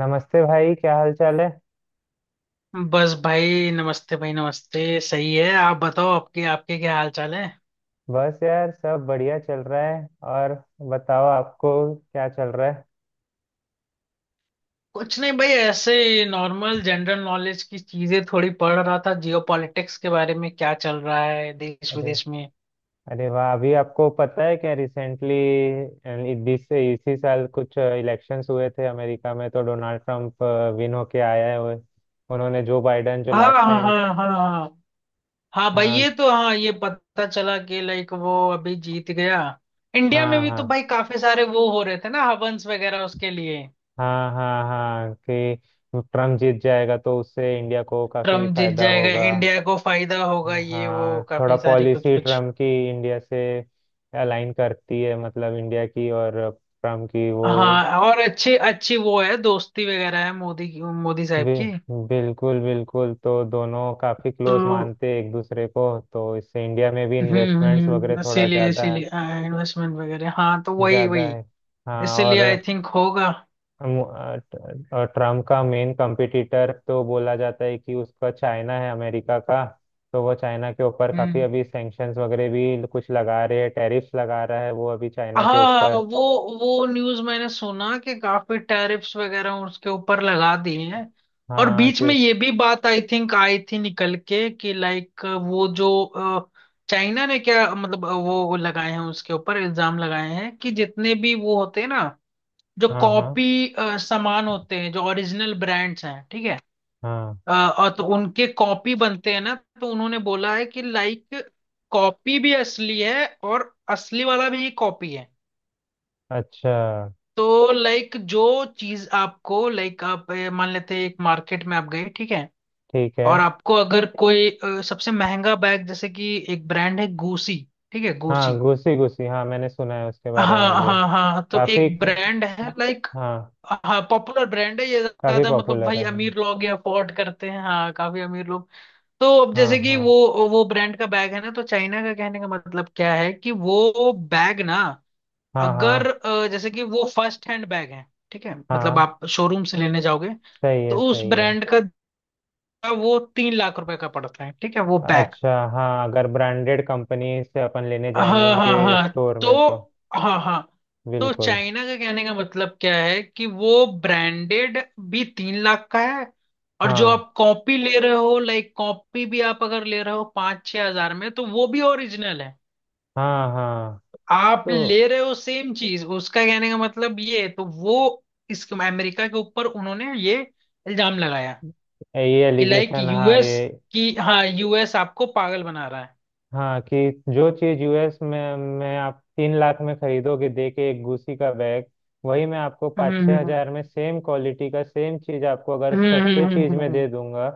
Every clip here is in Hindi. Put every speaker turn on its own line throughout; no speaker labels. नमस्ते भाई, क्या हाल चाल है।
बस भाई, नमस्ते भाई, नमस्ते। सही है। आप बताओ, आपके आपके क्या हाल चाल है।
बस यार सब बढ़िया चल रहा है। और बताओ, आपको क्या चल रहा है।
कुछ नहीं भाई, ऐसे नॉर्मल जनरल नॉलेज की चीजें थोड़ी पढ़ रहा था, जियोपॉलिटिक्स के बारे में क्या चल रहा है देश
अरे,
विदेश में।
अरे वाह। अभी आपको पता है क्या रिसेंटली बीस से इसी साल कुछ इलेक्शंस हुए थे अमेरिका में, तो डोनाल्ड ट्रंप विन होके आया है। उन्होंने जो बाइडन जो
हाँ हाँ
लास्ट टाइम।
हाँ हाँ हाँ। हाँ भाई,
हाँ
ये तो हाँ, ये पता चला कि लाइक वो अभी जीत गया। इंडिया में
हाँ
भी
हाँ
तो भाई काफी सारे वो हो रहे थे ना, हवंस वगैरह उसके लिए।
हाँ हाँ हाँ कि ट्रम्प जीत जाएगा तो उससे इंडिया को काफी
ट्रम्प जीत
फायदा
जाएगा,
होगा।
इंडिया को फायदा होगा, ये वो
हाँ, थोड़ा
काफी सारी कुछ
पॉलिसी
कुछ।
ट्रम्प की इंडिया से अलाइन करती है, मतलब इंडिया की और ट्रम्प की वो
हाँ, और अच्छी अच्छी वो है, दोस्ती वगैरह है, मोदी की, मोदी साहब
बि,
की।
बिल्कुल बिल्कुल। तो दोनों काफी
तो
क्लोज मानते हैं एक दूसरे को। तो इससे इंडिया में भी इन्वेस्टमेंट्स वगैरह थोड़ा
इसीलिए
ज्यादा है
इसीलिए इन्वेस्टमेंट वगैरह। हाँ, तो वही
ज्यादा
वही
है हाँ
इसीलिए
और
आई थिंक होगा।
और ट्रम्प का मेन कंपटीटर तो बोला जाता है कि उसका चाइना है, अमेरिका का। तो वो चाइना के ऊपर काफी
हम्म।
अभी सैंक्शंस वगैरह भी कुछ लगा रहे हैं, टैरिफ्स लगा रहा है वो अभी चाइना के
हाँ
ऊपर।
वो न्यूज़ मैंने सुना कि काफी टैरिफ्स वगैरह उसके ऊपर लगा दिए हैं। और
हाँ
बीच
क्यों।
में ये भी बात आई थिंक आई थी निकल के कि लाइक वो जो चाइना ने क्या मतलब वो लगाए हैं उसके ऊपर, इल्जाम लगाए हैं कि जितने भी वो होते हैं ना, जो
हाँ हाँ
कॉपी सामान होते हैं, जो ओरिजिनल ब्रांड्स हैं, ठीक है।
हाँ।
अ, और तो उनके कॉपी बनते हैं ना, तो उन्होंने बोला है कि लाइक कॉपी भी असली है और असली वाला भी कॉपी है।
अच्छा।
तो लाइक जो चीज आपको, लाइक आप मान लेते हैं, एक मार्केट में आप गए, ठीक है।
ठीक है।
और आपको अगर कोई सबसे महंगा बैग, जैसे कि एक ब्रांड है गुसी, ठीक है,
हाँ,
गुसी।
घुसी घुसी, हाँ मैंने सुना है उसके
हाँ
बारे में
हाँ
भी।
हाँ हाँ, तो
काफी।
एक ब्रांड है लाइक।
हाँ
हाँ, पॉपुलर ब्रांड है ये,
काफी
ज्यादा मतलब
पॉपुलर
भाई
है।
अमीर लोग ये अफोर्ड करते हैं, हाँ काफी अमीर लोग। तो अब
हाँ
जैसे कि
हाँ
वो ब्रांड का बैग है ना, तो चाइना का कहने का मतलब क्या है कि वो बैग ना,
हाँ
अगर
हाँ
जैसे कि वो फर्स्ट हैंड बैग है, ठीक है, मतलब
हाँ।
आप शोरूम से लेने जाओगे,
सही
तो
है
उस
सही है।
ब्रांड का वो तीन लाख रुपए का पड़ता है, ठीक है वो बैग।
अच्छा। हाँ, अगर ब्रांडेड कंपनी से अपन लेने जाएंगे
हाँ हाँ
उनके
हाँ।
स्टोर
तो
में तो
हाँ हाँ, तो
बिल्कुल।
चाइना का कहने का मतलब क्या है कि वो ब्रांडेड भी तीन लाख का है, और जो
हाँ
आप कॉपी ले रहे हो, लाइक कॉपी भी आप अगर ले रहे हो पाँच छह हजार में, तो वो भी ओरिजिनल है।
हाँ हाँ।
आप
तो
ले रहे हो सेम चीज, उसका कहने का मतलब ये है। तो वो इस अमेरिका के ऊपर उन्होंने ये इल्जाम लगाया
ये
कि लाइक
एलिगेशन, हाँ ये।
यूएस की, हाँ यूएस आपको पागल बना रहा है।
हाँ, कि जो चीज यूएस में आप 3 लाख में खरीदोगे दे के, एक गुसी का बैग, वही मैं आपको पाँच
हम्म
छः
हम्म
हजार में सेम क्वालिटी का, सेम चीज आपको अगर सस्ते चीज में दे
हम्म।
दूंगा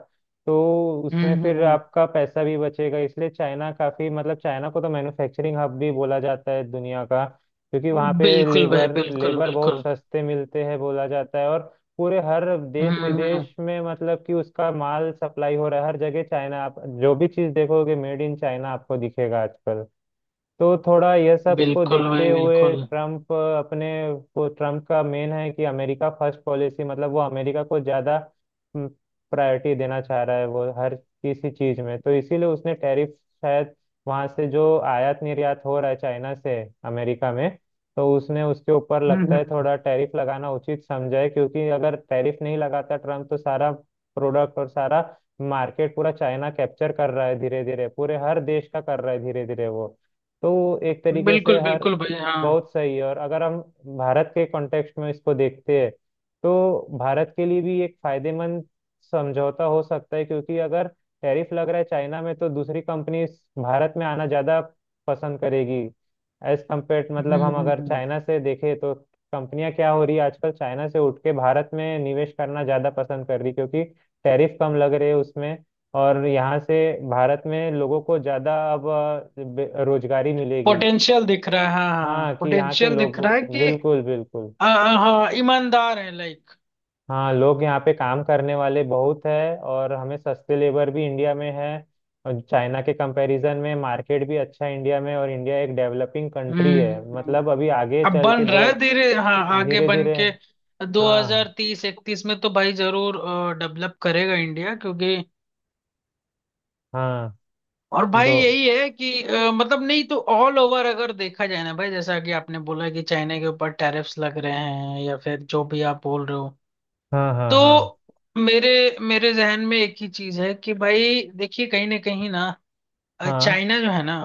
तो उसमें
हम्म।
फिर
हम्म।
आपका पैसा भी बचेगा। इसलिए चाइना काफी, मतलब चाइना को तो मैन्युफैक्चरिंग हब भी बोला जाता है दुनिया का, क्योंकि वहाँ पे
बिल्कुल भाई,
लेबर,
बिल्कुल
बहुत
बिल्कुल।
सस्ते मिलते हैं बोला जाता है। और पूरे हर देश
हम्म।
विदेश में, मतलब कि उसका माल सप्लाई हो रहा है हर जगह। चाइना, आप जो भी चीज देखोगे मेड इन चाइना आपको दिखेगा आजकल। तो थोड़ा यह सब को
बिल्कुल
देखते
भाई
हुए
बिल्कुल।
ट्रम्प अपने वो, ट्रम्प का मेन है कि अमेरिका फर्स्ट पॉलिसी, मतलब वो अमेरिका को ज़्यादा प्रायोरिटी देना चाह रहा है वो हर किसी चीज़ में। तो इसीलिए उसने टैरिफ शायद, वहाँ से जो आयात निर्यात हो रहा है चाइना से अमेरिका में, तो उसने उसके ऊपर लगता है
हम्म।
थोड़ा टैरिफ लगाना उचित समझा है। क्योंकि अगर टैरिफ नहीं लगाता ट्रम्प तो सारा प्रोडक्ट और सारा मार्केट पूरा चाइना कैप्चर कर रहा है धीरे धीरे, पूरे हर देश का कर रहा है धीरे धीरे वो। तो एक तरीके से
बिल्कुल
हर
बिल्कुल भाई, हाँ।
बहुत सही है। और अगर हम भारत के कॉन्टेक्स्ट में इसको देखते हैं तो भारत के लिए भी एक फायदेमंद समझौता हो सकता है, क्योंकि अगर टैरिफ लग रहा है चाइना में तो दूसरी कंपनी भारत में आना ज़्यादा पसंद करेगी एज कम्पेयर, मतलब हम अगर
हम्म।
चाइना से देखें तो कंपनियां क्या हो रही है आजकल, चाइना से उठ के भारत में निवेश करना ज़्यादा पसंद कर रही, क्योंकि टैरिफ कम लग रहे हैं उसमें। और यहाँ से भारत में लोगों को ज़्यादा अब रोजगारी मिलेगी।
पोटेंशियल दिख रहा है, हाँ हाँ,
हाँ, कि यहाँ के
पोटेंशियल
लोग
दिख रहा है कि
बिल्कुल बिल्कुल।
आ, हाँ ईमानदार है लाइक।
हाँ, लोग यहाँ पे काम करने वाले बहुत है, और हमें सस्ते लेबर भी इंडिया में है। और चाइना के कंपैरिजन में मार्केट भी अच्छा है इंडिया में, और इंडिया एक डेवलपिंग कंट्री
हम्म
है,
हम्म, हम्म।
मतलब अभी आगे
अब
चल के
बन रहा
दो
है धीरे, हाँ आगे
धीरे
बन
धीरे।
के
हाँ
2030-31 में तो भाई जरूर डेवलप करेगा इंडिया, क्योंकि
हाँ
और भाई
दो
यही है कि मतलब नहीं तो ऑल ओवर अगर देखा जाए ना भाई, जैसा कि आपने बोला कि चाइना के ऊपर टैरिफ्स लग रहे हैं या फिर जो भी आप बोल रहे हो,
हाँ हाँ हाँ
तो मेरे मेरे जहन में एक ही चीज है कि भाई देखिए कहीं ना कहीं ना,
हाँ।
चाइना जो है ना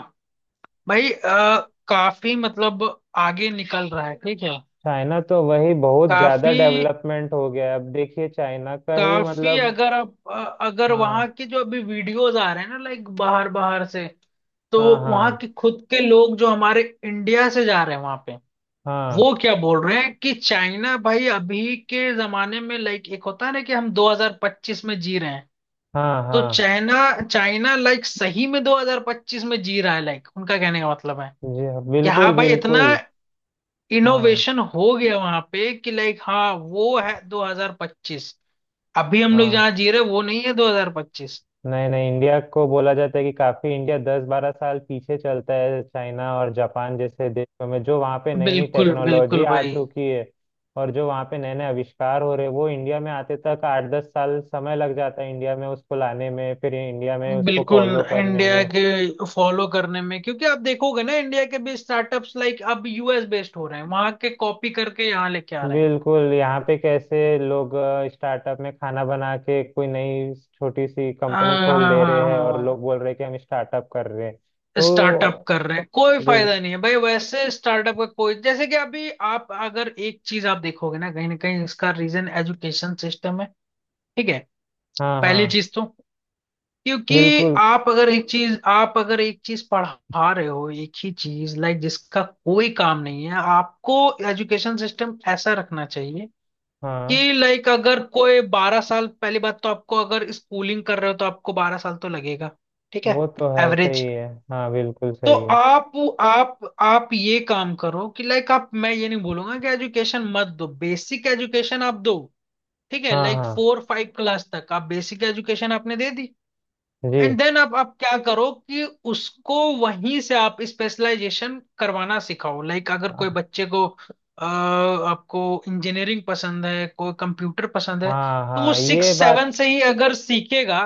भाई, काफी मतलब आगे निकल रहा है, ठीक है।
चाइना तो वही बहुत ज्यादा
काफी
डेवलपमेंट हो गया है। अब देखिए चाइना का ही
काफी
मतलब।
अगर आप अगर वहां
हाँ
के जो अभी वीडियोस आ रहे हैं ना, लाइक बाहर बाहर से, तो
हाँ
वहां
हाँ
के खुद के लोग जो हमारे इंडिया से जा रहे हैं वहां पे,
हाँ
वो क्या बोल रहे हैं कि चाइना भाई, अभी के जमाने में लाइक एक होता है ना कि हम 2025 में जी रहे हैं,
हाँ
तो
हाँ।
चाइना चाइना लाइक सही में 2025 में जी रहा है, लाइक उनका कहने का मतलब है
जी हाँ
कि हाँ
बिल्कुल
भाई इतना
बिल्कुल। हाँ
इनोवेशन हो गया वहां पे कि लाइक हाँ वो है 2025, अभी हम लोग
हाँ।
जहाँ जी रहे हैं, वो नहीं है 2025।
नहीं नहीं, इंडिया को बोला जाता है कि काफी इंडिया 10-12 साल पीछे चलता है चाइना और जापान जैसे देशों में, जो वहाँ पे नई नई
बिल्कुल
टेक्नोलॉजी
बिल्कुल
आ
भाई,
चुकी है, और जो वहाँ पे नए नए आविष्कार हो रहे हैं, वो इंडिया में आते तक 8-10 साल समय लग जाता है, इंडिया में उसको लाने में, फिर इंडिया में उसको
बिल्कुल।
फॉलो करने
इंडिया
में।
के फॉलो करने में, क्योंकि आप देखोगे ना, इंडिया के भी स्टार्टअप्स लाइक अब यूएस बेस्ड हो रहे हैं, वहां के कॉपी करके यहाँ लेके आ रहे हैं।
बिल्कुल। यहाँ पे कैसे लोग स्टार्टअप में खाना बना के कोई नई छोटी सी कंपनी
हाँ
खोल
हाँ
दे रहे
हाँ
हैं, और लोग
हाँ।
बोल रहे हैं कि हम स्टार्टअप कर रहे हैं,
स्टार्टअप
तो
कर रहे हैं, कोई
बिल
फायदा नहीं है भाई वैसे स्टार्टअप का कोई, जैसे कि अभी आप अगर एक चीज आप देखोगे ना, कहीं ना कहीं इसका रीजन एजुकेशन सिस्टम है, ठीक है।
हाँ
पहली
हाँ।
चीज तो, क्योंकि
बिल्कुल।
आप अगर एक चीज पढ़ा रहे हो एक ही चीज लाइक, जिसका कोई काम नहीं है आपको। एजुकेशन सिस्टम ऐसा रखना चाहिए
हाँ
कि लाइक अगर कोई बारह साल, पहली बात तो आपको अगर स्कूलिंग कर रहे हो तो आपको बारह साल तो लगेगा, ठीक है,
वो तो है, सही
एवरेज।
है, हाँ बिल्कुल
तो
सही है।
आप ये काम करो कि लाइक, आप, मैं ये नहीं बोलूंगा कि एजुकेशन मत दो, बेसिक एजुकेशन आप दो, ठीक है।
हाँ
लाइक
हाँ
फोर फाइव क्लास तक आप बेसिक एजुकेशन आपने दे दी, एंड
जी।
देन आप क्या करो कि उसको वहीं से आप स्पेशलाइजेशन करवाना सिखाओ, लाइक अगर कोई बच्चे को आपको इंजीनियरिंग पसंद है कोई कंप्यूटर पसंद है,
हाँ
तो वो
हाँ
सिक्स
ये
सेवन
बात।
से ही अगर सीखेगा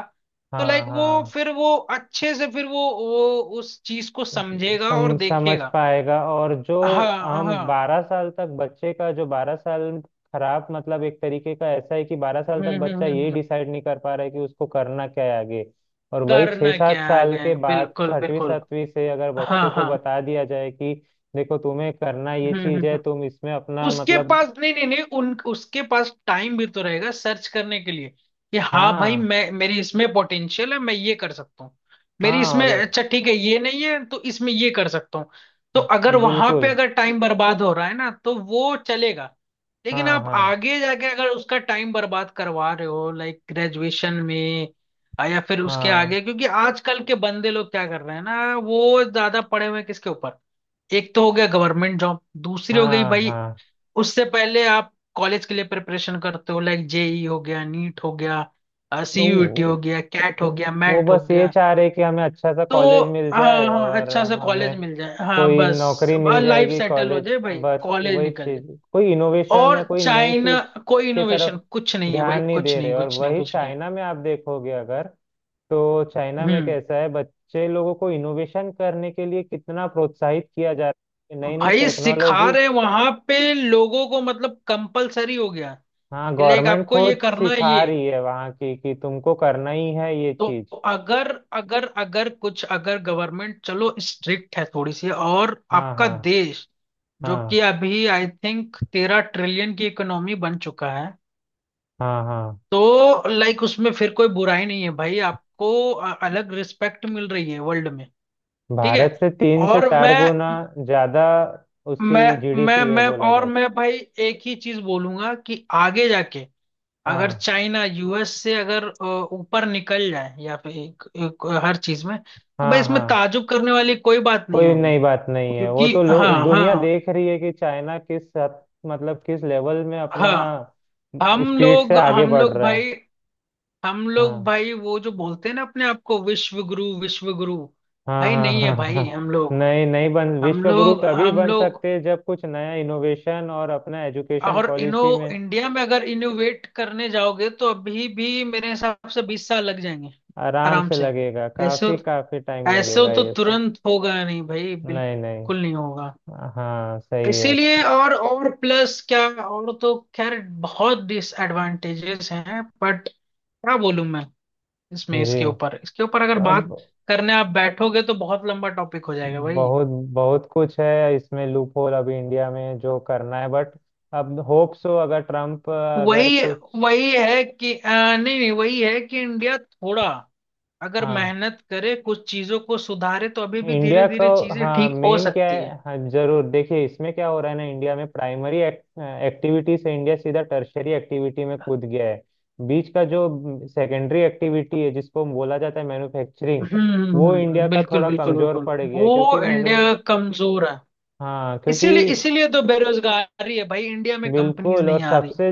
तो
हाँ
लाइक वो
हाँ
फिर वो अच्छे से, फिर वो उस चीज को समझेगा और
समझ
देखेगा।
पाएगा। और जो
हाँ
हम
हाँ।
12 साल तक बच्चे का, जो 12 साल खराब, मतलब एक तरीके का ऐसा है कि 12 साल तक
हम्म हम्म
बच्चा
हम्म
ये
हम्म।
डिसाइड नहीं कर पा रहा है कि उसको करना क्या है आगे। और वही छः
करना
सात
क्या है
साल
आगे,
के बाद,
बिल्कुल
छठवीं
बिल्कुल।
सातवीं से अगर बच्चे
हाँ
को
हाँ।
बता दिया जाए कि देखो तुम्हें करना ये
हम्म हम्म
चीज है,
हम्म।
तुम इसमें अपना
उसके
मतलब।
पास, नहीं नहीं नहीं, उन उसके पास टाइम भी तो रहेगा सर्च करने के लिए, कि हाँ भाई
हाँ
मैं, मेरी इसमें पोटेंशियल है, मैं ये कर सकता हूँ, मेरी
हाँ
इसमें
और
अच्छा, ठीक है ये नहीं है तो इसमें ये कर सकता हूँ। तो अगर वहां
बिल्कुल।
पे अगर टाइम बर्बाद हो रहा है ना तो वो चलेगा, लेकिन
हाँ
आप
हाँ
आगे जाके अगर उसका टाइम बर्बाद करवा रहे हो लाइक ग्रेजुएशन में, या फिर उसके
हाँ
आगे, क्योंकि आजकल के बंदे लोग क्या कर रहे हैं ना, वो ज्यादा पढ़े हुए हैं, किसके ऊपर? एक तो हो गया गवर्नमेंट जॉब, दूसरी हो गई
हाँ
भाई,
हाँ।
उससे पहले आप कॉलेज के लिए प्रिपरेशन करते हो, लाइक जेई हो गया, नीट हो गया, सीयूईटी हो
तो
गया, कैट हो गया,
वो
मैट हो
बस ये
गया।
चाह रहे कि हमें अच्छा सा
तो
कॉलेज मिल
हाँ
जाए
हाँ,
और
अच्छा सा कॉलेज
हमें
मिल जाए, हाँ
कोई
बस
नौकरी मिल
लाइफ
जाएगी
सेटल हो
कॉलेज,
जाए भाई,
बस
कॉलेज
वही
निकल जाए।
चीज। कोई इनोवेशन या
और
कोई नई
चाइना,
चीज
कोई
के
इनोवेशन
तरफ
कुछ नहीं है भाई,
ध्यान नहीं
कुछ
दे रहे।
नहीं
और
कुछ नहीं
वही
कुछ नहीं।
चाइना में आप देखोगे अगर, तो चाइना में
हम्म।
कैसा है, बच्चे लोगों को इनोवेशन करने के लिए कितना प्रोत्साहित किया जा रहा है, नई नई
भाई सिखा
टेक्नोलॉजी।
रहे वहां पे लोगों को, मतलब कंपलसरी हो गया,
हाँ,
लाइक
गवर्नमेंट
आपको ये
खुद
करना है, ये।
सिखा रही है वहाँ की कि तुमको करना ही है ये
तो
चीज।
अगर, अगर कुछ अगर गवर्नमेंट चलो स्ट्रिक्ट है थोड़ी सी, और
हाँ
आपका
हाँ
देश जो
हाँ
कि अभी आई थिंक तेरह ट्रिलियन की इकोनॉमी बन चुका है,
हाँ हाँ।
तो लाइक उसमें फिर कोई बुराई नहीं है भाई, आपको अ- अलग रिस्पेक्ट मिल रही है वर्ल्ड में, ठीक है।
भारत से तीन से
और मैं,
चार गुना ज्यादा उसकी
मैं मैं
जीडीपी है
मैं
बोला
और
जाता।
मैं भाई एक ही चीज बोलूंगा कि आगे जाके अगर
हाँ
चाइना यूएस से अगर ऊपर निकल जाए या फिर एक, एक हर चीज में, तो भाई
हाँ
इसमें
हाँ।
ताजुब करने वाली कोई बात नहीं
कोई
होगी,
नई बात नहीं है वो
क्योंकि
तो। लोग
हाँ
दुनिया
हाँ
देख रही है कि चाइना किस हद, मतलब किस लेवल में अपना
हाँ, हम
स्पीड से
लोग
आगे
हम
बढ़
लोग
रहा है।
भाई, हम लोग
हाँ
भाई वो जो बोलते हैं ना अपने आप को विश्व गुरु विश्व गुरु,
हाँ
भाई
हाँ
नहीं है
हाँ
भाई।
हाँ।
हम लोग
नहीं नहीं, बन
हम
विश्व गुरु
लोग
तभी
हम
बन
लोग
सकते हैं जब कुछ नया इनोवेशन और अपना एजुकेशन
और इनो,
पॉलिसी में।
इंडिया में अगर इनोवेट करने जाओगे तो अभी भी मेरे हिसाब से बीस साल लग जाएंगे
आराम
आराम
से
से।
लगेगा,
ऐसे
काफी काफी टाइम
ऐसे हो
लगेगा
तो
ये सब।
तुरंत होगा नहीं भाई,
नहीं नहीं,
बिल्कुल नहीं होगा
हाँ सही है।
इसीलिए। और प्लस क्या, और तो खैर बहुत डिसएडवांटेजेस हैं बट क्या बोलूं मैं, इसमें इसके
जी।
ऊपर इसके ऊपर अगर बात
अब
करने आप बैठोगे तो बहुत लंबा टॉपिक हो जाएगा भाई।
बहुत बहुत कुछ है इसमें, लूप होल अभी इंडिया में जो करना है, बट अब होप सो अगर ट्रम्प अगर
वही
कुछ।
वही है कि नहीं नहीं, वही है कि इंडिया थोड़ा अगर
हाँ
मेहनत करे, कुछ चीजों को सुधारे, तो अभी भी
इंडिया
धीरे
को,
धीरे चीजें
हाँ
ठीक हो
मेन क्या
सकती है।
है, हाँ जरूर देखिए इसमें क्या हो रहा है ना। इंडिया में प्राइमरी एक्टिविटी से इंडिया सीधा टर्शरी एक्टिविटी में कूद गया है। बीच का जो सेकेंडरी एक्टिविटी है, जिसको बोला जाता है मैन्युफैक्चरिंग, वो इंडिया
हम्म।
का
बिल्कुल
थोड़ा
बिल्कुल
कमजोर
बिल्कुल।
पड़ गया है, क्योंकि
वो
मैनु
इंडिया कमजोर है
हाँ, क्योंकि
इसीलिए, इसीलिए तो बेरोजगारी है भाई, इंडिया में कंपनीज
बिल्कुल। और
नहीं आ रही।
सबसे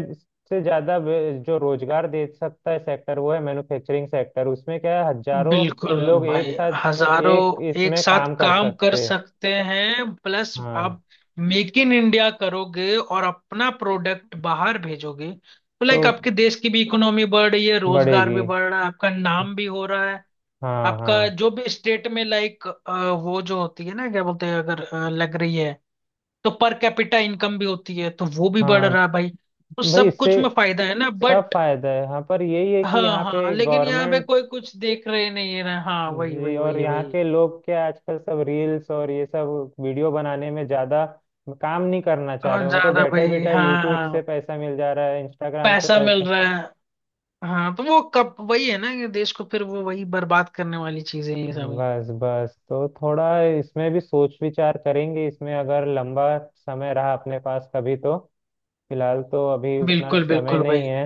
से ज्यादा जो रोजगार दे सकता है सेक्टर, वो है मैन्युफैक्चरिंग सेक्टर। उसमें क्या है, हजारों
बिल्कुल
लोग एक
भाई,
साथ
हजारों
एक
एक
इसमें
साथ
काम कर
काम कर
सकते हैं।
सकते हैं, प्लस
हाँ
आप मेक इन इंडिया करोगे और अपना प्रोडक्ट बाहर भेजोगे तो
तो
लाइक आपके देश की भी इकोनॉमी बढ़ रही है, रोजगार भी
बढ़ेगी।
बढ़ रहा है, आपका नाम भी हो रहा है।
हाँ
आपका
हाँ
जो भी स्टेट में लाइक, वो जो होती है ना, क्या बोलते हैं अगर लग रही है, तो पर कैपिटा इनकम भी होती है, तो वो भी बढ़
हाँ,
रहा है भाई, तो
तो भाई
सब
इससे
कुछ में फायदा है ना,
सब
बट
फायदा है। हाँ पर यही है कि
हाँ
यहाँ
हाँ,
पे
लेकिन यहाँ पे
गवर्नमेंट,
कोई कुछ देख रहे नहीं है ना, हाँ वही
जी,
वही
और
वही
यहाँ
वही
के लोग क्या आजकल सब रील्स और ये सब वीडियो बनाने में ज्यादा काम नहीं करना चाह रहे।
और
उनको
ज्यादा
बैठे
भाई,
बैठे
हाँ
यूट्यूब से
हाँ
पैसा मिल जा रहा है, इंस्टाग्राम से
पैसा मिल
पैसा।
रहा है। हाँ तो वो कब, वही है ना कि देश को फिर वो वही बर्बाद करने वाली चीजें हैं ये सब।
बस बस, तो थोड़ा इसमें भी सोच विचार करेंगे, इसमें अगर लंबा समय रहा अपने पास कभी तो। फिलहाल तो अभी उतना
बिल्कुल
समय
बिल्कुल
नहीं
भाई।
है।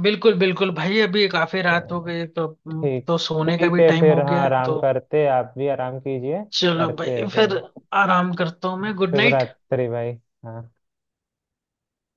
बिल्कुल बिल्कुल भाई, अभी काफी रात हो
चलो,
गई,
ठीक
तो सोने का
ठीक
भी
है
टाइम
फिर।
हो
हाँ,
गया है,
आराम
तो
करते हैं, आप भी आराम कीजिए।
चलो
करते
भाई
हैं
फिर,
फिर।
आराम करता हूँ मैं, गुड
शुभ
नाइट।
रात्रि भाई। हाँ।